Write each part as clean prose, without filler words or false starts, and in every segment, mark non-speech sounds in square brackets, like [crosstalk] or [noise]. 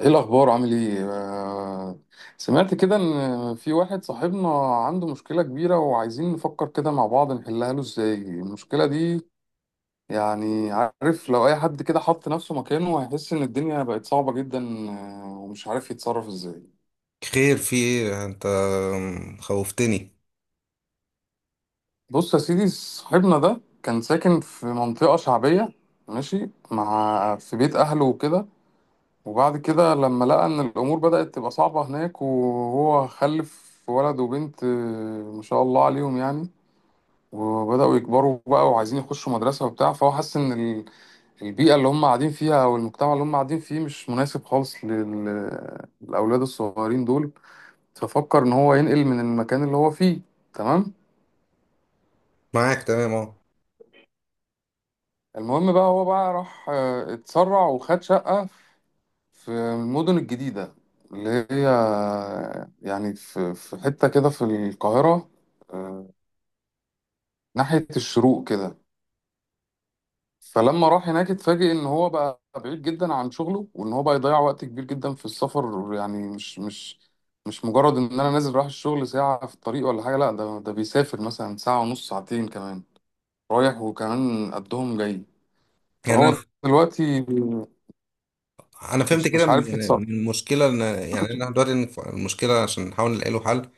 ايه الاخبار؟ عامل ايه؟ سمعت كده ان في واحد صاحبنا عنده مشكله كبيره، وعايزين نفكر كده مع بعض نحلها له ازاي المشكله دي. يعني عارف، لو اي حد كده حط نفسه مكانه هيحس ان الدنيا بقت صعبه جدا، ومش عارف يتصرف ازاي. خير في ايه انت؟ خوفتني. بص يا سيدي، صاحبنا ده كان ساكن في منطقه شعبيه، ماشي مع في بيت اهله وكده. وبعد كده لما لقى ان الامور بدأت تبقى صعبة هناك، وهو خلف ولد وبنت، ما شاء الله عليهم يعني، وبدأوا يكبروا بقى وعايزين يخشوا مدرسة وبتاع، فهو حس ان البيئة اللي هم قاعدين فيها او المجتمع اللي هم قاعدين فيه مش مناسب خالص للاولاد الصغيرين دول. ففكر ان هو ينقل من المكان اللي هو فيه. تمام. معاك تمام اهو. المهم بقى، هو بقى راح، اتسرع وخد شقة في المدن الجديدة، اللي هي يعني في حتة كده في القاهرة، آه، ناحية الشروق كده. فلما راح هناك اتفاجئ ان هو بقى بعيد جدا عن شغله، وان هو بقى يضيع وقت كبير جدا في السفر. يعني مش مجرد ان انا نازل رايح الشغل ساعة في الطريق ولا حاجة، لا، ده بيسافر مثلا ساعة ونص، ساعتين كمان رايح وكمان قدهم جاي. يعني انا فهو دلوقتي أنا فهمت مش كده مش من عارف يتصرف. المشكله ان انا دلوقتي إن المشكله عشان نحاول نلاقي له حل.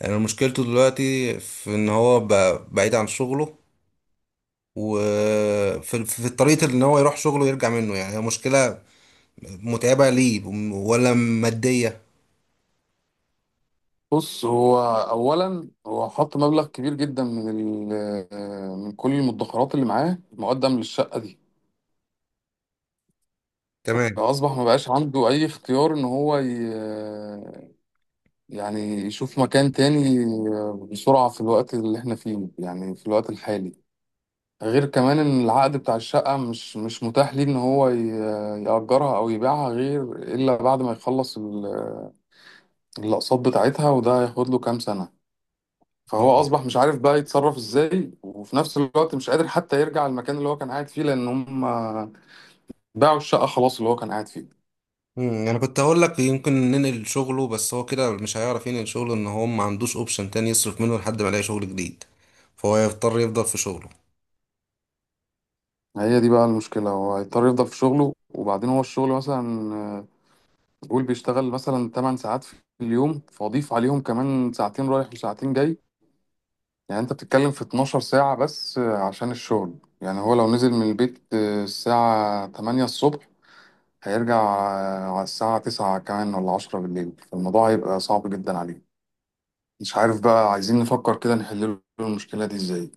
يعني مشكلته دلوقتي في ان هو بعيد عن شغله، وفي طريقه ان هو يروح شغله ويرجع منه، يعني هي مشكله متعبه ليه ولا ماديه؟ بص، هو اولا، هو حط مبلغ كبير جدا من ال- آه، من كل المدخرات اللي معاه مقدم للشقه دي. تمام. فاصبح ما بقاش عنده اي اختيار ان هو يعني يشوف مكان تاني بسرعه في الوقت اللي احنا فيه، يعني في الوقت الحالي. غير كمان، ان العقد بتاع الشقه مش متاح ليه ان هو يأجرها او يبيعها غير الا بعد ما يخلص الاقساط بتاعتها، وده هياخد له كام سنه. فهو اه. اصبح مش عارف بقى يتصرف ازاي، وفي نفس الوقت مش قادر حتى يرجع المكان اللي هو كان قاعد فيه لان هم باعوا الشقة خلاص اللي هو كان قاعد فيه. انا كنت هقول لك يمكن ننقل شغله، بس هو كده مش هيعرف ينقل شغله ان هو ما عندوش اوبشن تاني يصرف منه لحد ما يلاقي شغل جديد، فهو يضطر يفضل في شغله. هي دي بقى المشكلة. هو هيضطر يفضل في شغله، وبعدين هو الشغل مثلا، قول بيشتغل مثلا 8 ساعات في اليوم، فاضيف عليهم كمان ساعتين رايح وساعتين جاي. يعني انت بتتكلم في 12 ساعة بس، عشان الشغل. يعني هو لو نزل من البيت الساعة 8 الصبح، هيرجع على الساعة 9 كمان ولا 10 بالليل، فالموضوع هيبقى صعب جدا عليه. مش عارف بقى، عايزين نفكر كده نحل له المشكلة دي ازاي.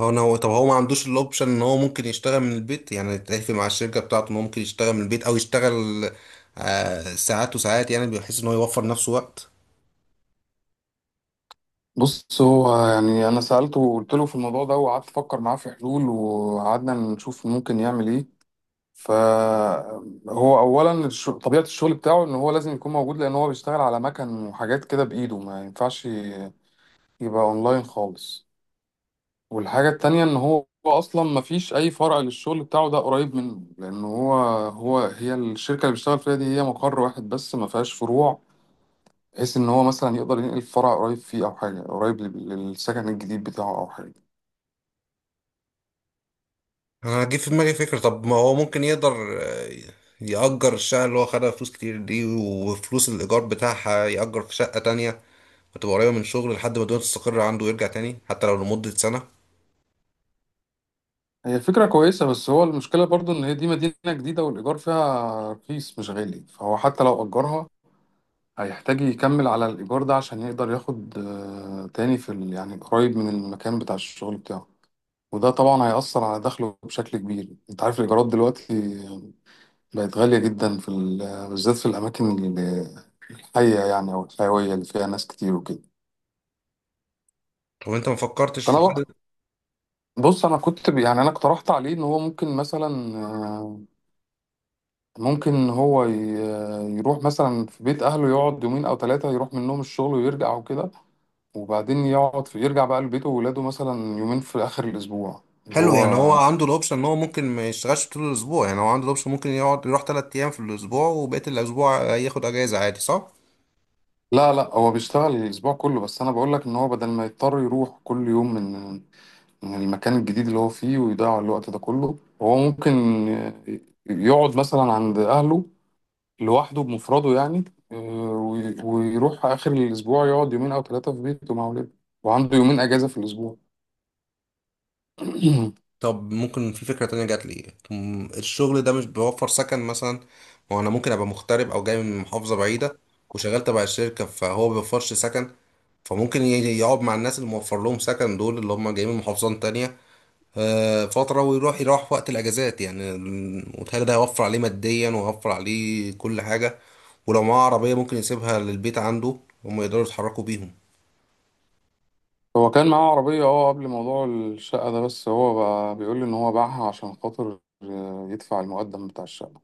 هو ما عندوش الاوبشن ان هو ممكن يشتغل من البيت، يعني يتفق مع الشركة بتاعته ان هو ممكن يشتغل من البيت، او يشتغل ساعات وساعات، يعني بحيث ان هو يوفر نفسه وقت. بص، هو يعني انا سألته وقلت له في الموضوع ده، وقعدت افكر معاه في حلول وقعدنا نشوف ممكن يعمل ايه. فهو اولا، طبيعة الشغل بتاعه ان هو لازم يكون موجود، لان هو بيشتغل على مكن وحاجات كده بايده، ما ينفعش يبقى اونلاين خالص. والحاجة التانية، ان هو اصلا ما فيش اي فرع للشغل بتاعه ده قريب منه، لان هو هي الشركة اللي بيشتغل فيها دي هي مقر واحد بس، ما فيهاش فروع، بحيث ان هو مثلا يقدر ينقل فرع قريب فيه او حاجه قريب للسكن الجديد بتاعه او حاجه. انا جه في دماغي فكرة، طب ما هو ممكن يقدر آه، يأجر الشقة اللي هو خدها فلوس كتير دي، وفلوس الإيجار بتاعها يأجر في شقة تانية، وتبقى قريبة من شغل لحد ما الدنيا تستقر عنده ويرجع تاني، حتى لو لمدة سنة. هي فكره كويسه، بس هو المشكله برضو ان هي دي مدينه جديده والايجار فيها رخيص مش غالي، فهو حتى لو اجرها هيحتاج يكمل على الايجار ده عشان يقدر ياخد تاني يعني قريب من المكان بتاع الشغل بتاعه. وده طبعا هيأثر على دخله بشكل كبير. انت عارف الايجارات دلوقتي بقت غاليه جدا بالذات في الاماكن الحيه يعني، او الحيويه اللي فيها ناس كتير وكده. طب انت ما فكرتش في فانا، حاجة؟ بص، انا كنت يعني انا اقترحت عليه ان هو ممكن مثلا، آه، ممكن هو يروح مثلا في بيت اهله يقعد يومين او ثلاثه، يروح منهم الشغل ويرجع وكده، وبعدين يقعد في يرجع بقى لبيته وولاده مثلا يومين في اخر الاسبوع اللي حلو. يعني هو. هو عنده الاوبشن ان هو ممكن ما يشتغلش طول الاسبوع؟ يعني هو عنده الاوبشن ممكن يقعد يروح تلات ايام في الاسبوع وبقية الاسبوع ياخد اجازة عادي، صح؟ لا، لا، هو بيشتغل الاسبوع كله، بس انا بقول لك ان هو بدل ما يضطر يروح كل يوم من المكان الجديد اللي هو فيه ويضيع الوقت ده كله، هو ممكن آه، يقعد مثلا عند اهله لوحده بمفرده يعني، آه، ويروح آخر الأسبوع يقعد يومين أو ثلاثة في بيته مع ولاده، وعنده يومين أجازة في الأسبوع. [clears throat] طب ممكن في فكرة تانية جات لي، الشغل ده مش بيوفر سكن مثلا؟ ما هو انا ممكن ابقى مغترب او جاي من محافظة بعيدة وشغال تبع الشركة فهو ما بيوفرش سكن، فممكن يقعد مع الناس اللي موفر لهم سكن دول، اللي هم جايين من محافظات تانية فترة، ويروح في وقت الاجازات، يعني وتهيألي ده هيوفر عليه ماديا وهيوفر عليه كل حاجة. ولو معاه عربية ممكن يسيبها للبيت عنده، هم يقدروا يتحركوا بيهم. هو كان معاه عربية قبل موضوع الشقة ده، بس هو بقى بيقول لي إن هو باعها عشان خاطر يدفع المقدم بتاع الشقة.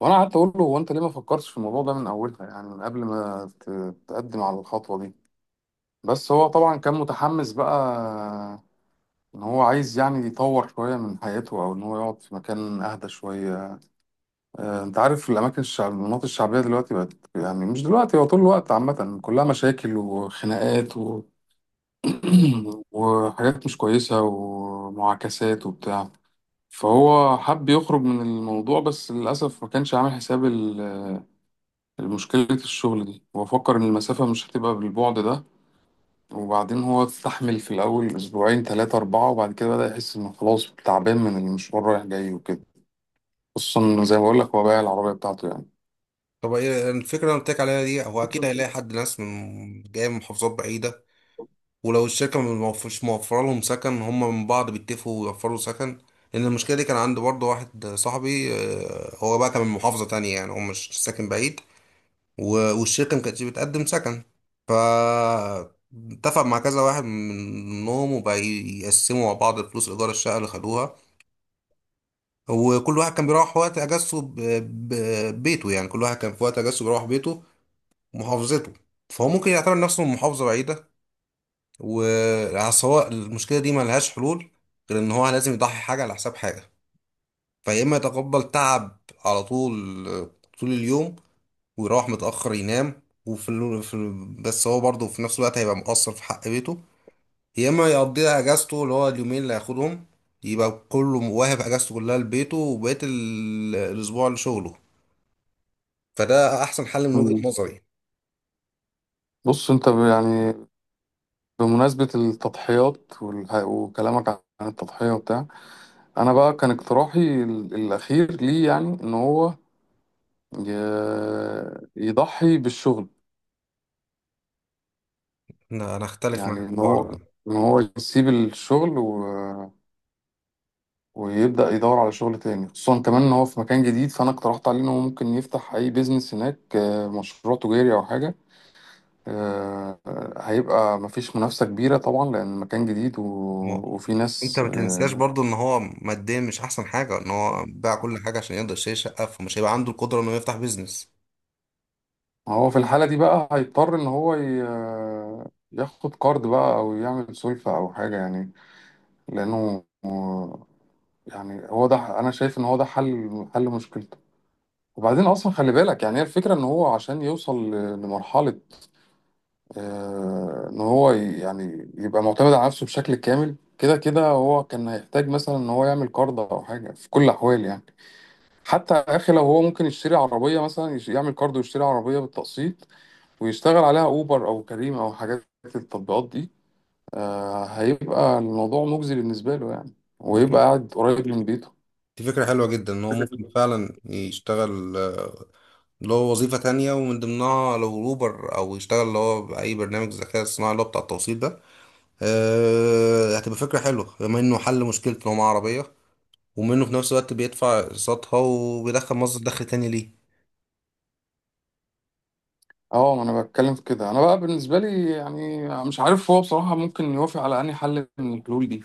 وأنا قعدت أقول له، هو أنت ليه ما فكرتش في الموضوع ده من أولها؟ يعني من قبل ما تقدم على الخطوة دي. بس هو طبعا كان متحمس بقى، إن هو عايز يعني يطور شوية من حياته، أو إن هو يقعد في مكان أهدى شوية. انت عارف الاماكن الشعب المناطق الشعبيه دلوقتي بقت يعني، مش دلوقتي، هو طول الوقت عامه كلها مشاكل وخناقات [clears throat] وحاجات مش كويسه ومعاكسات وبتاع. فهو حب يخرج من الموضوع، بس للاسف ما كانش عامل حساب المشكله الشغل دي. هو فكر ان المسافه مش هتبقى بالبعد ده. وبعدين هو استحمل في الاول اسبوعين، ثلاثه، اربعه، وبعد كده بدا يحس انه خلاص تعبان من المشوار رايح جاي وكده، خصوصا زي ما بقول لك، هو بايع العربيه بتاعته. طب ايه الفكرة اللي أنا قلت لك عليها دي؟ هو اكيد هيلاقي حد، ناس من جاية من محافظات بعيدة، ولو الشركة مش موفرة لهم سكن هم من بعض بيتفقوا ويوفروا سكن. لأن المشكلة دي كان عند برضه واحد صاحبي، هو بقى كان من محافظة تانية، يعني هو مش ساكن بعيد، والشركة ما كانتش بتقدم سكن، ف اتفق مع كذا واحد منهم وبقى يقسموا مع بعض فلوس إيجار الشقة اللي خدوها، وكل واحد كان بيروح وقت أجازته بيته، يعني كل واحد كان في وقت أجازته بيروح بيته ومحافظته. فهو ممكن يعتبر نفسه من محافظة بعيدة. والسواء المشكله دي ملهاش حلول غير ان هو لازم يضحي حاجه على حساب حاجه. فيا اما يتقبل تعب على طول، طول اليوم، ويروح متاخر ينام وفي بس هو برضه في نفس الوقت هيبقى مقصر في حق بيته. يا اما يقضيها اجازته اللي هو اليومين اللي هياخدهم، يبقى كله واهب اجازته كلها لبيته وبقيه الاسبوع لشغله. فده احسن حل من وجهه يعني، نظري. بص، يعني بمناسبة التضحيات وكلامك عن التضحية وبتاع، انا بقى كان اقتراحي الاخير ليه يعني ان هو يضحي بالشغل. انا اختلف يعني معاك في ان الحوار هو ان هو يسيب الشغل ويبدأ يدور على شغل تاني، خصوصا كمان ان هو في مكان جديد، فانا اقترحت عليه ان هو ممكن يفتح اي بيزنس هناك، مشروع تجاري او حاجة. آه، هيبقى مفيش منافسة كبيرة طبعا لأن مكان جديد ده. وفي انت ناس، ما تنساش برضو ان هو ماديا مش احسن حاجه، ان هو باع كل حاجه عشان يقدر يشتري شقه، فمش هيبقى عنده القدره انه يفتح بيزنس. هو في الحالة دي بقى هيضطر إن هو ياخد كارد بقى، أو يعمل سلفة أو حاجة يعني، لأنه يعني، هو ده أنا شايف إن هو ده حل مشكلته. وبعدين أصلا خلي بالك، يعني هي الفكرة، إن هو عشان يوصل لمرحلة إن هو يعني يبقى معتمد على نفسه بشكل كامل، كده كده هو كان هيحتاج مثلا إن هو يعمل كارد أو حاجة في كل الأحوال يعني. حتى يا أخي، لو هو ممكن يشتري عربية مثلا، يعمل كارد ويشتري عربية بالتقسيط ويشتغل عليها اوبر او كريم او حاجات التطبيقات دي، هيبقى الموضوع مجزي بالنسبه له يعني، دي ويبقى فك- قاعد قريب من بيته. دي فكره حلوه جدا ان هو ممكن فعلا يشتغل اللي هو وظيفه تانية، ومن ضمنها لو اوبر او يشتغل اللي هو باي برنامج ذكاء اصطناعي اللي هو بتاع التوصيل ده. هتبقى فكره حلوه بما انه حل مشكله ان هو معاه عربيه، ومنه في نفس الوقت بيدفع اقساطها وبيدخل مصدر دخل تاني. اه، ما انا بتكلم في كده. انا بقى بالنسبه لي، يعني مش عارف هو بصراحه ممكن يوافق على انهي حل من الحلول دي،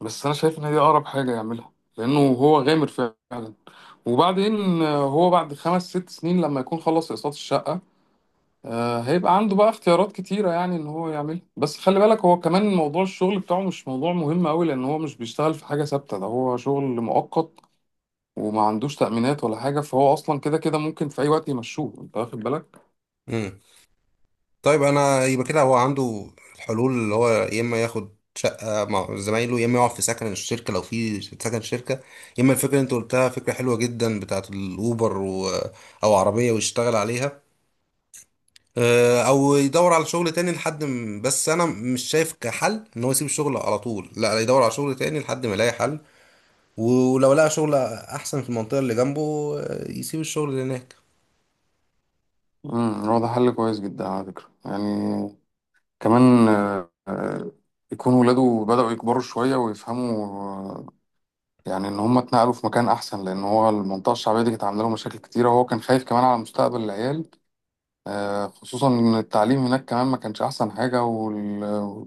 بس انا شايف ان هي اقرب حاجه يعملها لانه هو غامر فعلا. وبعدين هو بعد خمس ست سنين لما يكون خلص اقساط الشقه، هيبقى عنده بقى اختيارات كتيرة يعني ان هو يعملها. بس خلي بالك، هو كمان موضوع الشغل بتاعه مش موضوع مهم قوي، لان هو مش بيشتغل في حاجة ثابتة، ده هو شغل مؤقت، وما عندوش تأمينات ولا حاجة، فهو اصلا كده كده ممكن في اي وقت يمشوه، انت واخد بالك. ليه؟ طيب انا يبقى كده هو عنده الحلول، اللي هو يا اما ياخد شقه مع زمايله، يا اما يقعد في سكن الشركه لو في سكن شركه، يا اما الفكره اللي انت قلتها فكره حلوه جدا، بتاعت الاوبر او عربيه ويشتغل عليها، او يدور على شغل تاني لحد بس انا مش شايف كحل ان هو يسيب الشغل على طول، لا، يدور على شغل تاني لحد ما يلاقي حل، ولو لقى شغل احسن في المنطقه اللي جنبه، يسيب الشغل اللي هناك. هو ده حل كويس جدا على فكرة يعني. كمان يكون ولاده بدأوا يكبروا شوية ويفهموا، يعني ان هم اتنقلوا في مكان احسن، لان هو المنطقة الشعبية دي كانت عاملة له مشاكل كتيرة، وهو كان خايف كمان على مستقبل العيال، خصوصا ان التعليم هناك كمان ما كانش احسن حاجة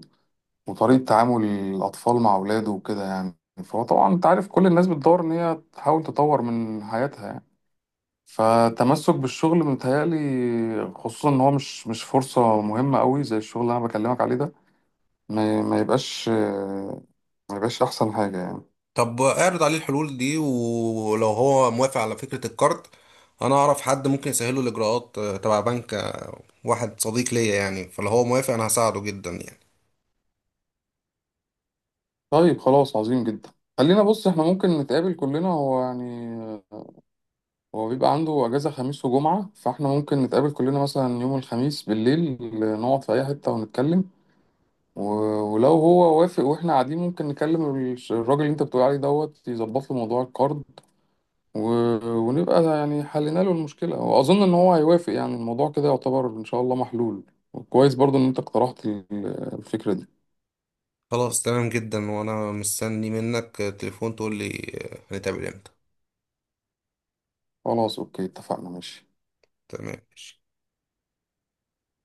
وطريقة تعامل الاطفال مع اولاده وكده يعني. فهو طبعا انت عارف، كل الناس بتدور ان هي تحاول تطور من حياتها يعني، فتمسك بالشغل متهيألي، خصوصا ان هو مش فرصة مهمة قوي زي الشغل اللي انا بكلمك عليه ده، ما, ما يبقاش آه، ما يبقاش احسن حاجة يعني. طب اعرض عليه الحلول دي، ولو هو موافق على فكرة الكارت انا اعرف حد ممكن يسهله الاجراءات، تبع بنك، واحد صديق ليا يعني. فلو هو موافق انا هساعده جدا يعني. طيب خلاص، عظيم جدا. خلينا، بص، احنا ممكن نتقابل كلنا، هو يعني هو بيبقى عنده أجازة خميس وجمعة، فاحنا ممكن نتقابل كلنا مثلا يوم الخميس بالليل، نقعد في أي حتة ونتكلم. ولو هو وافق واحنا قاعدين، ممكن نكلم الراجل اللي انت بتقول عليه دوت يظبط له موضوع الكارد، و- ونبقى يعني حلينا له المشكلة، وأظن إن هو هيوافق. يعني الموضوع كده يعتبر إن شاء الله محلول، وكويس برضو إن انت اقترحت الفكرة دي. خلاص تمام جدا، وانا مستني منك تليفون تقول لي هنتقابل امتى. خلاص، أوكي، اتفقنا، ماشي. تمام، ماشي.